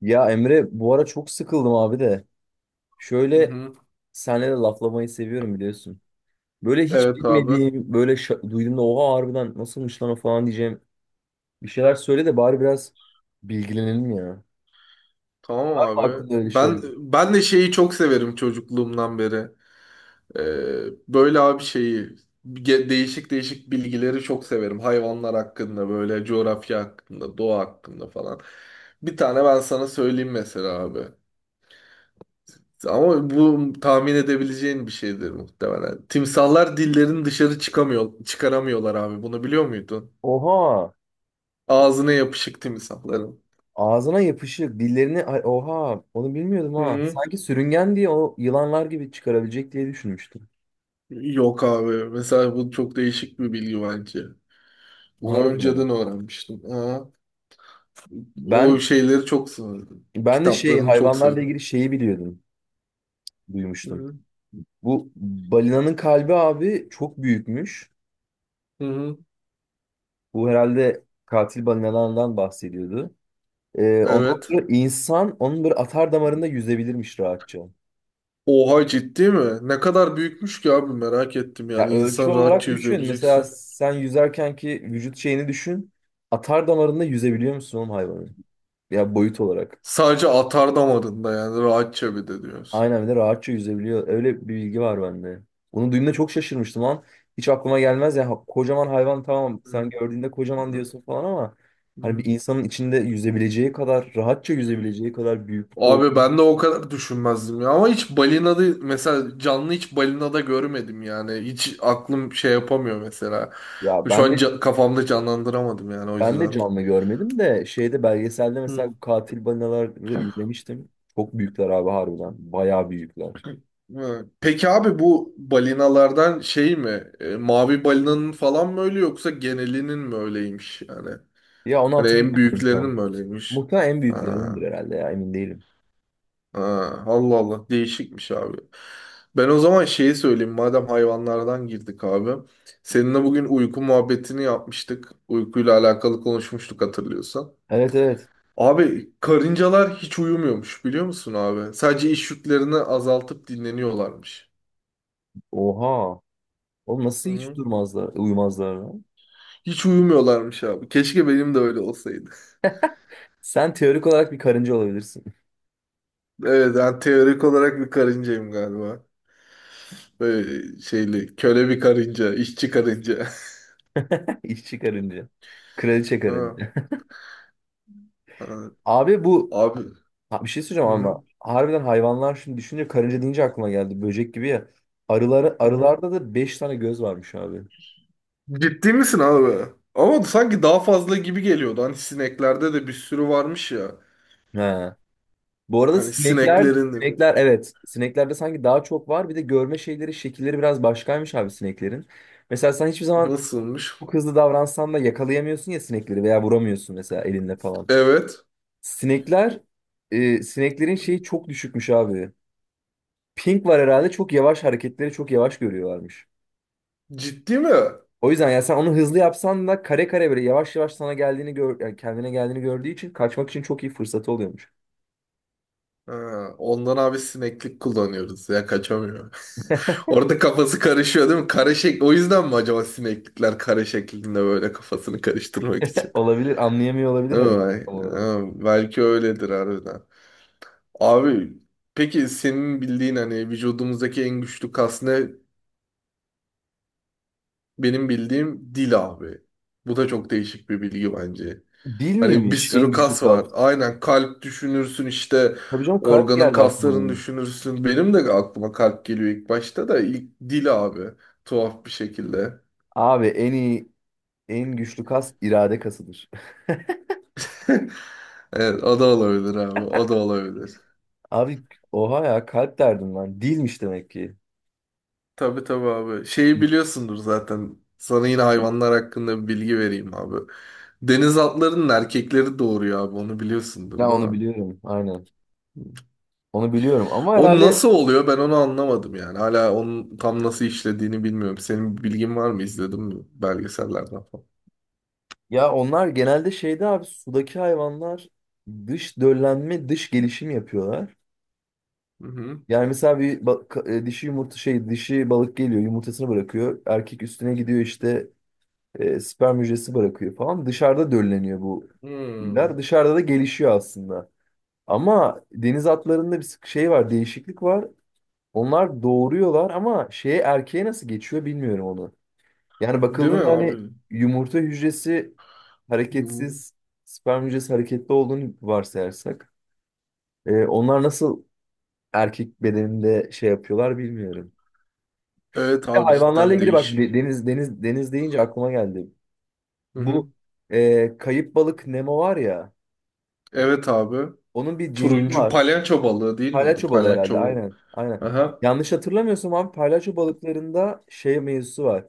Ya Emre, bu ara çok sıkıldım abi de. Hı Şöyle, hı. senle de laflamayı seviyorum biliyorsun. Böyle hiç Evet abi. bilmediğim, böyle duyduğumda oha harbiden nasılmış lan o falan diyeceğim. Bir şeyler söyle de bari biraz bilgilenelim ya. Var Tamam mı abi. aklında öyle Ben şeyler? ben de şeyi çok severim çocukluğumdan beri. Ee, Böyle abi şeyi değişik değişik bilgileri çok severim. Hayvanlar hakkında böyle coğrafya hakkında, doğa hakkında falan. Bir tane ben sana söyleyeyim mesela abi. Ama bu tahmin edebileceğin bir şeydir muhtemelen. Timsahlar dillerini dışarı çıkamıyor, çıkaramıyorlar abi. Bunu biliyor muydun? Oha! Ağzına yapışık timsahların. Ağzına yapışık, dillerini... Ay, oha! Onu bilmiyordum Hı ha. hı. Sanki sürüngen diye o yılanlar gibi çıkarabilecek diye düşünmüştüm. Yok abi. Mesela bu çok değişik bir bilgi bence. Bunu Harbiden. önceden öğrenmiştim. Ha, o Ben şeyleri çok severdim. ben de şey Kitaplarını çok hayvanlarla severim. ilgili şeyi biliyordum, Hı duymuştum. hı. Bu balinanın kalbi abi çok büyükmüş. Hı hı. Bu herhalde katil balinalardan bahsediyordu. Ondan Evet. sonra insan onun böyle atar damarında yüzebilirmiş rahatça. Oha, ciddi mi? Ne kadar büyükmüş ki abi, merak ettim Ya yani. ölçü İnsan olarak rahatça düşün. yüzebilecekse. Mesela sen yüzerken ki vücut şeyini düşün. Atar damarında yüzebiliyor musun oğlum hayvanın? Ya boyut olarak. Sadece atardamarında yani rahatça bir de diyorsun. Aynen, bir de rahatça yüzebiliyor. Öyle bir bilgi var bende. Onu duyduğumda çok şaşırmıştım lan. Hiç aklıma gelmez ya. Kocaman hayvan, tamam, sen Hı. gördüğünde kocaman diyorsun falan ama Hı hani bir hı. insanın içinde yüzebileceği kadar, rahatça yüzebileceği kadar büyüklükte Abi olduğunu. ben de o kadar düşünmezdim ya. Ama hiç balinada mesela, canlı hiç balinada görmedim yani. Hiç aklım şey yapamıyor mesela. Ya Şu ben an de kafamda canlandıramadım yani o ben de yüzden. canlı görmedim de şeyde, belgeselde mesela Hı. bu katil balinaları izlemiştim. Çok büyükler abi harbiden. Bayağı büyükler. Hı. Peki abi, bu balinalardan şey mi? E, mavi balinanın falan mı öyle, yoksa genelinin mi öyleymiş yani? Ya onu Hani en hatırlamıyorum büyüklerinin tam. mi öyleymiş? Muhtemelen en büyüklerindendir Ha. herhalde ya, emin değilim. Ha, Allah Allah, değişikmiş abi. Ben o zaman şeyi söyleyeyim madem hayvanlardan girdik abi. Seninle bugün uyku muhabbetini yapmıştık. Uykuyla alakalı konuşmuştuk, hatırlıyorsan. Evet evet. Abi karıncalar hiç uyumuyormuş, biliyor musun abi? Sadece iş yüklerini azaltıp dinleniyorlarmış. Oha. Oğlum Hı nasıl hiç hı. durmazlar, uyumazlar lan? Hiç uyumuyorlarmış abi. Keşke benim de öyle olsaydı. Sen teorik olarak bir karınca olabilirsin. Evet, ben teorik olarak bir karıncayım galiba. Böyle şeyli köle bir karınca, işçi karınca. İşçi karınca. Kraliçe Ha, karınca. ha. Abi Abi. Bir şey söyleyeceğim Hı ama hı. harbiden hayvanlar şimdi düşünce, karınca deyince aklıma geldi. Böcek gibi ya. Arıları, Hı hı. arılarda da 5 tane göz varmış abi. Ciddi misin abi? Ama sanki daha fazla gibi geliyordu. Hani sineklerde de bir sürü varmış ya. He. Bu arada Hani sinekler, sineklerin sinekler evet. Sineklerde sanki daha çok var. Bir de görme şeyleri, şekilleri biraz başkaymış abi sineklerin. Mesela sen hiçbir zaman nasılmış? çok hızlı davransan da yakalayamıyorsun ya sinekleri, veya vuramıyorsun mesela elinle falan. Evet. Sinekler, sineklerin şeyi çok düşükmüş abi. Ping var herhalde, çok yavaş, hareketleri çok yavaş görüyorlarmış. Ciddi mi? O yüzden yani sen onu hızlı yapsan da kare kare böyle yavaş yavaş sana geldiğini gör, yani kendine geldiğini gördüğü için kaçmak için çok iyi fırsatı oluyormuş. Ha, ondan abi sineklik kullanıyoruz ya, kaçamıyor. Orada kafası karışıyor değil mi? Kare o yüzden mi acaba sineklikler kare şeklinde, böyle kafasını karıştırmak için? Olabilir, anlayamıyor olabilir Değil hareket mi? tam olarak. Ha, belki öyledir harbiden. Abi, peki senin bildiğin hani vücudumuzdaki en güçlü kas ne? Benim bildiğim dil abi. Bu da çok değişik bir bilgi bence. Dil Hani bir miymiş en sürü güçlü kas kas? var. Aynen, kalp düşünürsün işte, Tabii canım, kalp organın geldi aklıma kaslarını benim. düşünürsün. Benim de aklıma kalp geliyor ilk başta da, ilk dil abi. Tuhaf bir şekilde. Abi en güçlü kas irade kasıdır. Evet, o da olabilir abi. O da olabilir. Abi oha ya, kalp derdim ben. Dilmiş demek ki. Tabii tabii abi. Şeyi biliyorsundur zaten. Sana yine hayvanlar hakkında bir bilgi vereyim abi. Deniz atlarının erkekleri doğuruyor abi. Onu biliyorsundur Ya değil onu mi? biliyorum aynen. Onu biliyorum ama O herhalde. nasıl oluyor, ben onu anlamadım yani. Hala onun tam nasıl işlediğini bilmiyorum. Senin bir bilgin var mı? İzledin mi belgesellerden falan? Ya onlar genelde şeyde abi, sudaki hayvanlar dış döllenme, dış gelişim yapıyorlar. Hı hı. Yani mesela bir dişi balık geliyor, yumurtasını bırakıyor. Erkek üstüne gidiyor işte, sperm hücresi bırakıyor falan. Dışarıda dölleniyor bu Hmm. filler. Dışarıda da gelişiyor aslında. Ama deniz atlarında bir sık- şey var değişiklik var. Onlar doğuruyorlar ama şeye, erkeğe nasıl geçiyor bilmiyorum onu. Yani Değil mi bakıldığında hani abi? yumurta hücresi Hı hı. hareketsiz, sperm hücresi hareketli olduğunu varsayarsak. Onlar nasıl erkek bedeninde şey yapıyorlar bilmiyorum. Evet Bir de abi, hayvanlarla cidden ilgili bak değişik. Deniz deniz deniz deyince aklıma geldi. Hı Bu hı. Kayıp balık Nemo var ya, Evet abi. onun bir cinsi Turuncu var. palyaço balığı değil miydi? Palyaço balığı herhalde, Palyaço balığı. aynen aynen. Aha. Yanlış hatırlamıyorsam abi palyaço balıklarında şey mevzusu var.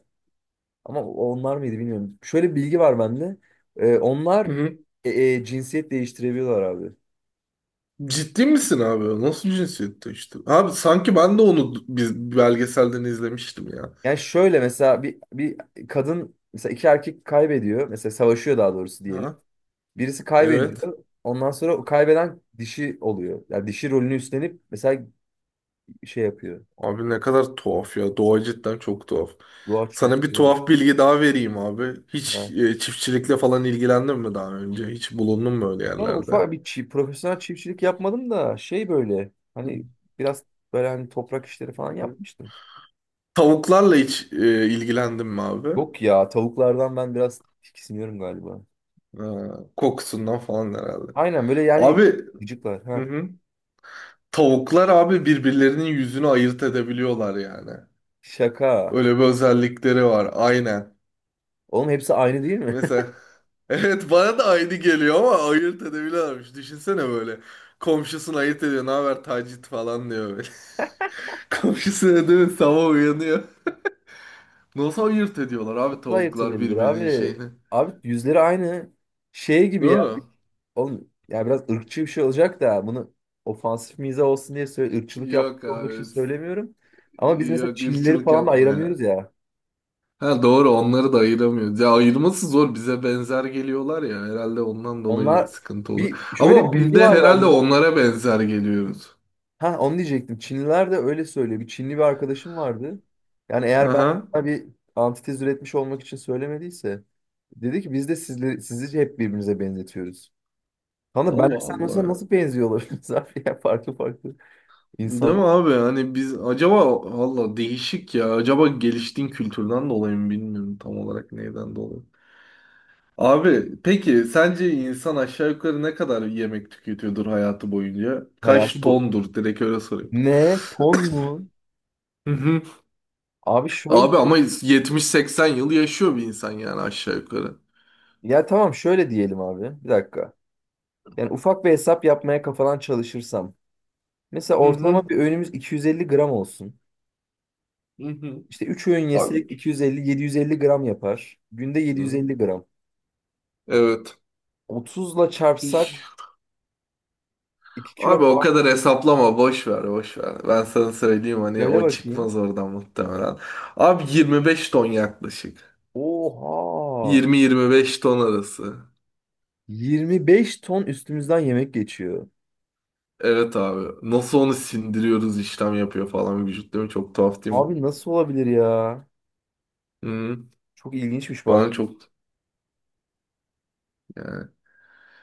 Ama onlar mıydı bilmiyorum. Şöyle bir bilgi var bende. Ee, onlar Hı hı. Cinsiyet değiştirebiliyorlar abi. Ciddi misin abi? O nasıl cinsiyette işte? Abi sanki ben de onu biz belgeselden izlemiştim ya. Yani şöyle mesela bir kadın, mesela, iki erkek kaybediyor. Mesela savaşıyor, daha doğrusu diyelim. Ha? Birisi Evet. kaybediyor. Ondan sonra o kaybeden dişi oluyor. Yani dişi rolünü üstlenip mesela şey yapıyor. Abi ne kadar tuhaf ya. Doğa cidden çok tuhaf. Doğa Sana çok bir kral. tuhaf bilgi daha vereyim abi. Hiç Ya. Çiftçilikle falan ilgilendin mi daha önce? Hiç bulundun mu öyle Yani yerlerde? ufak bir profesyonel çiftçilik yapmadım da şey böyle hani biraz böyle hani toprak işleri falan Hı. yapmıştım. Tavuklarla hiç ilgilendin mi abi? Yok ya, tavuklardan ben biraz tiksiniyorum galiba. Ha, kokusundan falan herhalde. Aynen böyle Abi yani gıcıklar. hı Ha. hı. Tavuklar abi birbirlerinin yüzünü ayırt edebiliyorlar yani. Şaka. Öyle bir özellikleri var. Aynen. Oğlum hepsi aynı değil mi? Mesela evet, bana da aynı geliyor ama ayırt edebiliyorlarmış. Düşünsene böyle. Komşusunu ayırt ediyor. Ne haber tacit falan diyor böyle. Komşusuna değil mi? Sabah uyanıyor. Nasıl ayırt ediyorlar abi Nasıl ayırt tavuklar edilebilir birbirinin abi? şeyini. Abi yüzleri aynı. Şey gibi Değil ya. mi? Oğlum ya biraz ırkçı bir şey olacak da bunu ofansif mizah olsun diye söyle, ırkçılık Yok yapmak olmak için abi. S- söylemiyorum. Ama biz mesela Yok, Çinlileri ırkçılık falan da yapma ayıramıyoruz ya. ya. Ha doğru, onları da ayıramıyoruz. Ya ayırması zor. Bize benzer geliyorlar ya. Herhalde ondan dolayı Onlar, sıkıntı oluyor. bir şöyle bir Ama biz bilgi de var herhalde bende. onlara benzer geliyoruz. Ha, onu diyecektim. Çinliler de öyle söylüyor. Bir Çinli bir arkadaşım vardı. Yani eğer ben Aha. sana bir antitez üretmiş olmak için söylemediyse, dedi ki biz de sizleri, sizi hep birbirimize benzetiyoruz. Kanka ben Allah sen mesela Allah. nasıl benziyor olabiliriz abi ya, farklı farklı Değil mi insanlar, abi? Hani biz acaba, valla değişik ya. Acaba geliştiğin kültürden dolayı mı, bilmiyorum tam olarak neyden dolayı. Abi peki sence insan aşağı yukarı ne kadar yemek tüketiyordur hayatı boyunca? Kaç hayatı bu. tondur? Direkt öyle sorayım. Ne? Ton mu? Hı hı. Abi şöyle, Abi ama 70-80 yıl yaşıyor bir insan yani, aşağı yukarı. ya tamam şöyle diyelim abi. Bir dakika. Yani ufak bir hesap yapmaya kafadan çalışırsam. Mesela Hı hı. ortalama bir öğünümüz 250 gram olsun. Hı hı. İşte 3 öğün Abi. yesek 250-750 gram yapar. Günde Hı. 750 gram. Evet. 30'la çarpsak 2 Abi kilo o falan. kadar hesaplama, boş ver boş ver. Ben sana söyleyeyim, hani Böyle o bakayım. çıkmaz oradan muhtemelen. Abi 25 ton yaklaşık. Oha! 20-25 ton arası. 25 ton üstümüzden yemek geçiyor. Evet abi. Nasıl onu sindiriyoruz, işlem yapıyor falan vücut, değil mi? Çok tuhaf değil mi? Abi nasıl olabilir ya? Hı. Çok ilginçmiş bak. Bana çok yani.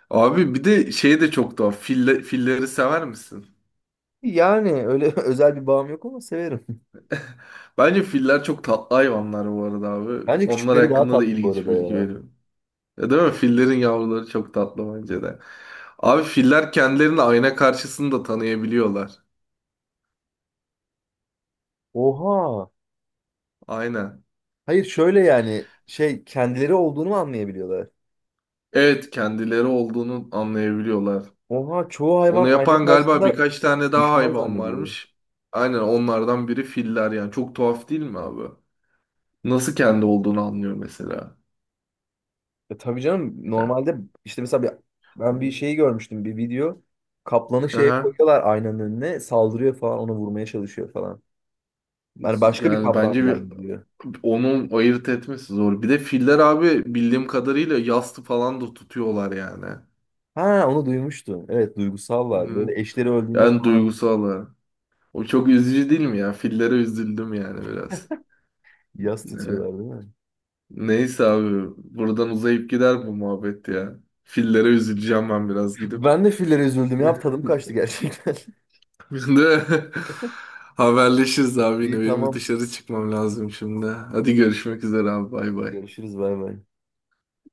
Abi bir de şey de çok tuhaf. Fille, filleri sever misin? Yani öyle özel bir bağım yok ama severim. Bence filler çok tatlı hayvanlar bu arada abi. Bence Onlar küçükleri daha hakkında da tatlı bu ilginç bir arada bilgi ya. veriyorum. Ya değil mi? Fillerin yavruları çok tatlı bence de. Abi filler kendilerini ayna karşısında tanıyabiliyorlar. Oha! Aynen. Hayır, şöyle yani şey, kendileri olduğunu mu anlayabiliyorlar? Evet, kendileri olduğunu anlayabiliyorlar. Oha, çoğu hayvan Onu ayna yapan galiba karşısında birkaç tane daha düşman hayvan zannediyor. varmış. Aynen, onlardan biri filler yani. Çok tuhaf değil mi abi? Nasıl kendi olduğunu anlıyor mesela. E tabii canım, Yani. normalde işte mesela ben bir şeyi görmüştüm, bir video. Kaplanı şeye Aha. koyuyorlar aynanın önüne, saldırıyor falan, onu vurmaya çalışıyor falan. Yani başka bir Yani kaplan bence bir zannediyor. onun ayırt etmesi zor. Bir de filler abi bildiğim kadarıyla yastı falan da tutuyorlar yani. Ha, onu duymuştum. Evet, Hı duygusallar. hı. Böyle eşleri öldüğünde En falan duygusalı. O çok üzücü değil mi ya? Fillere üzüldüm yani biraz. yas Evet. tutuyorlar değil mi? Neyse abi buradan uzayıp gider bu muhabbet ya. Fillere üzüleceğim ben biraz gidip. Ben de fillere üzüldüm ya, tadım kaçtı gerçekten. Şimdi haberleşiriz abi, yine İyi, benim bir tamam. dışarı çıkmam lazım şimdi. Hadi görüşmek üzere abi, bay bay. Görüşürüz, bay bay.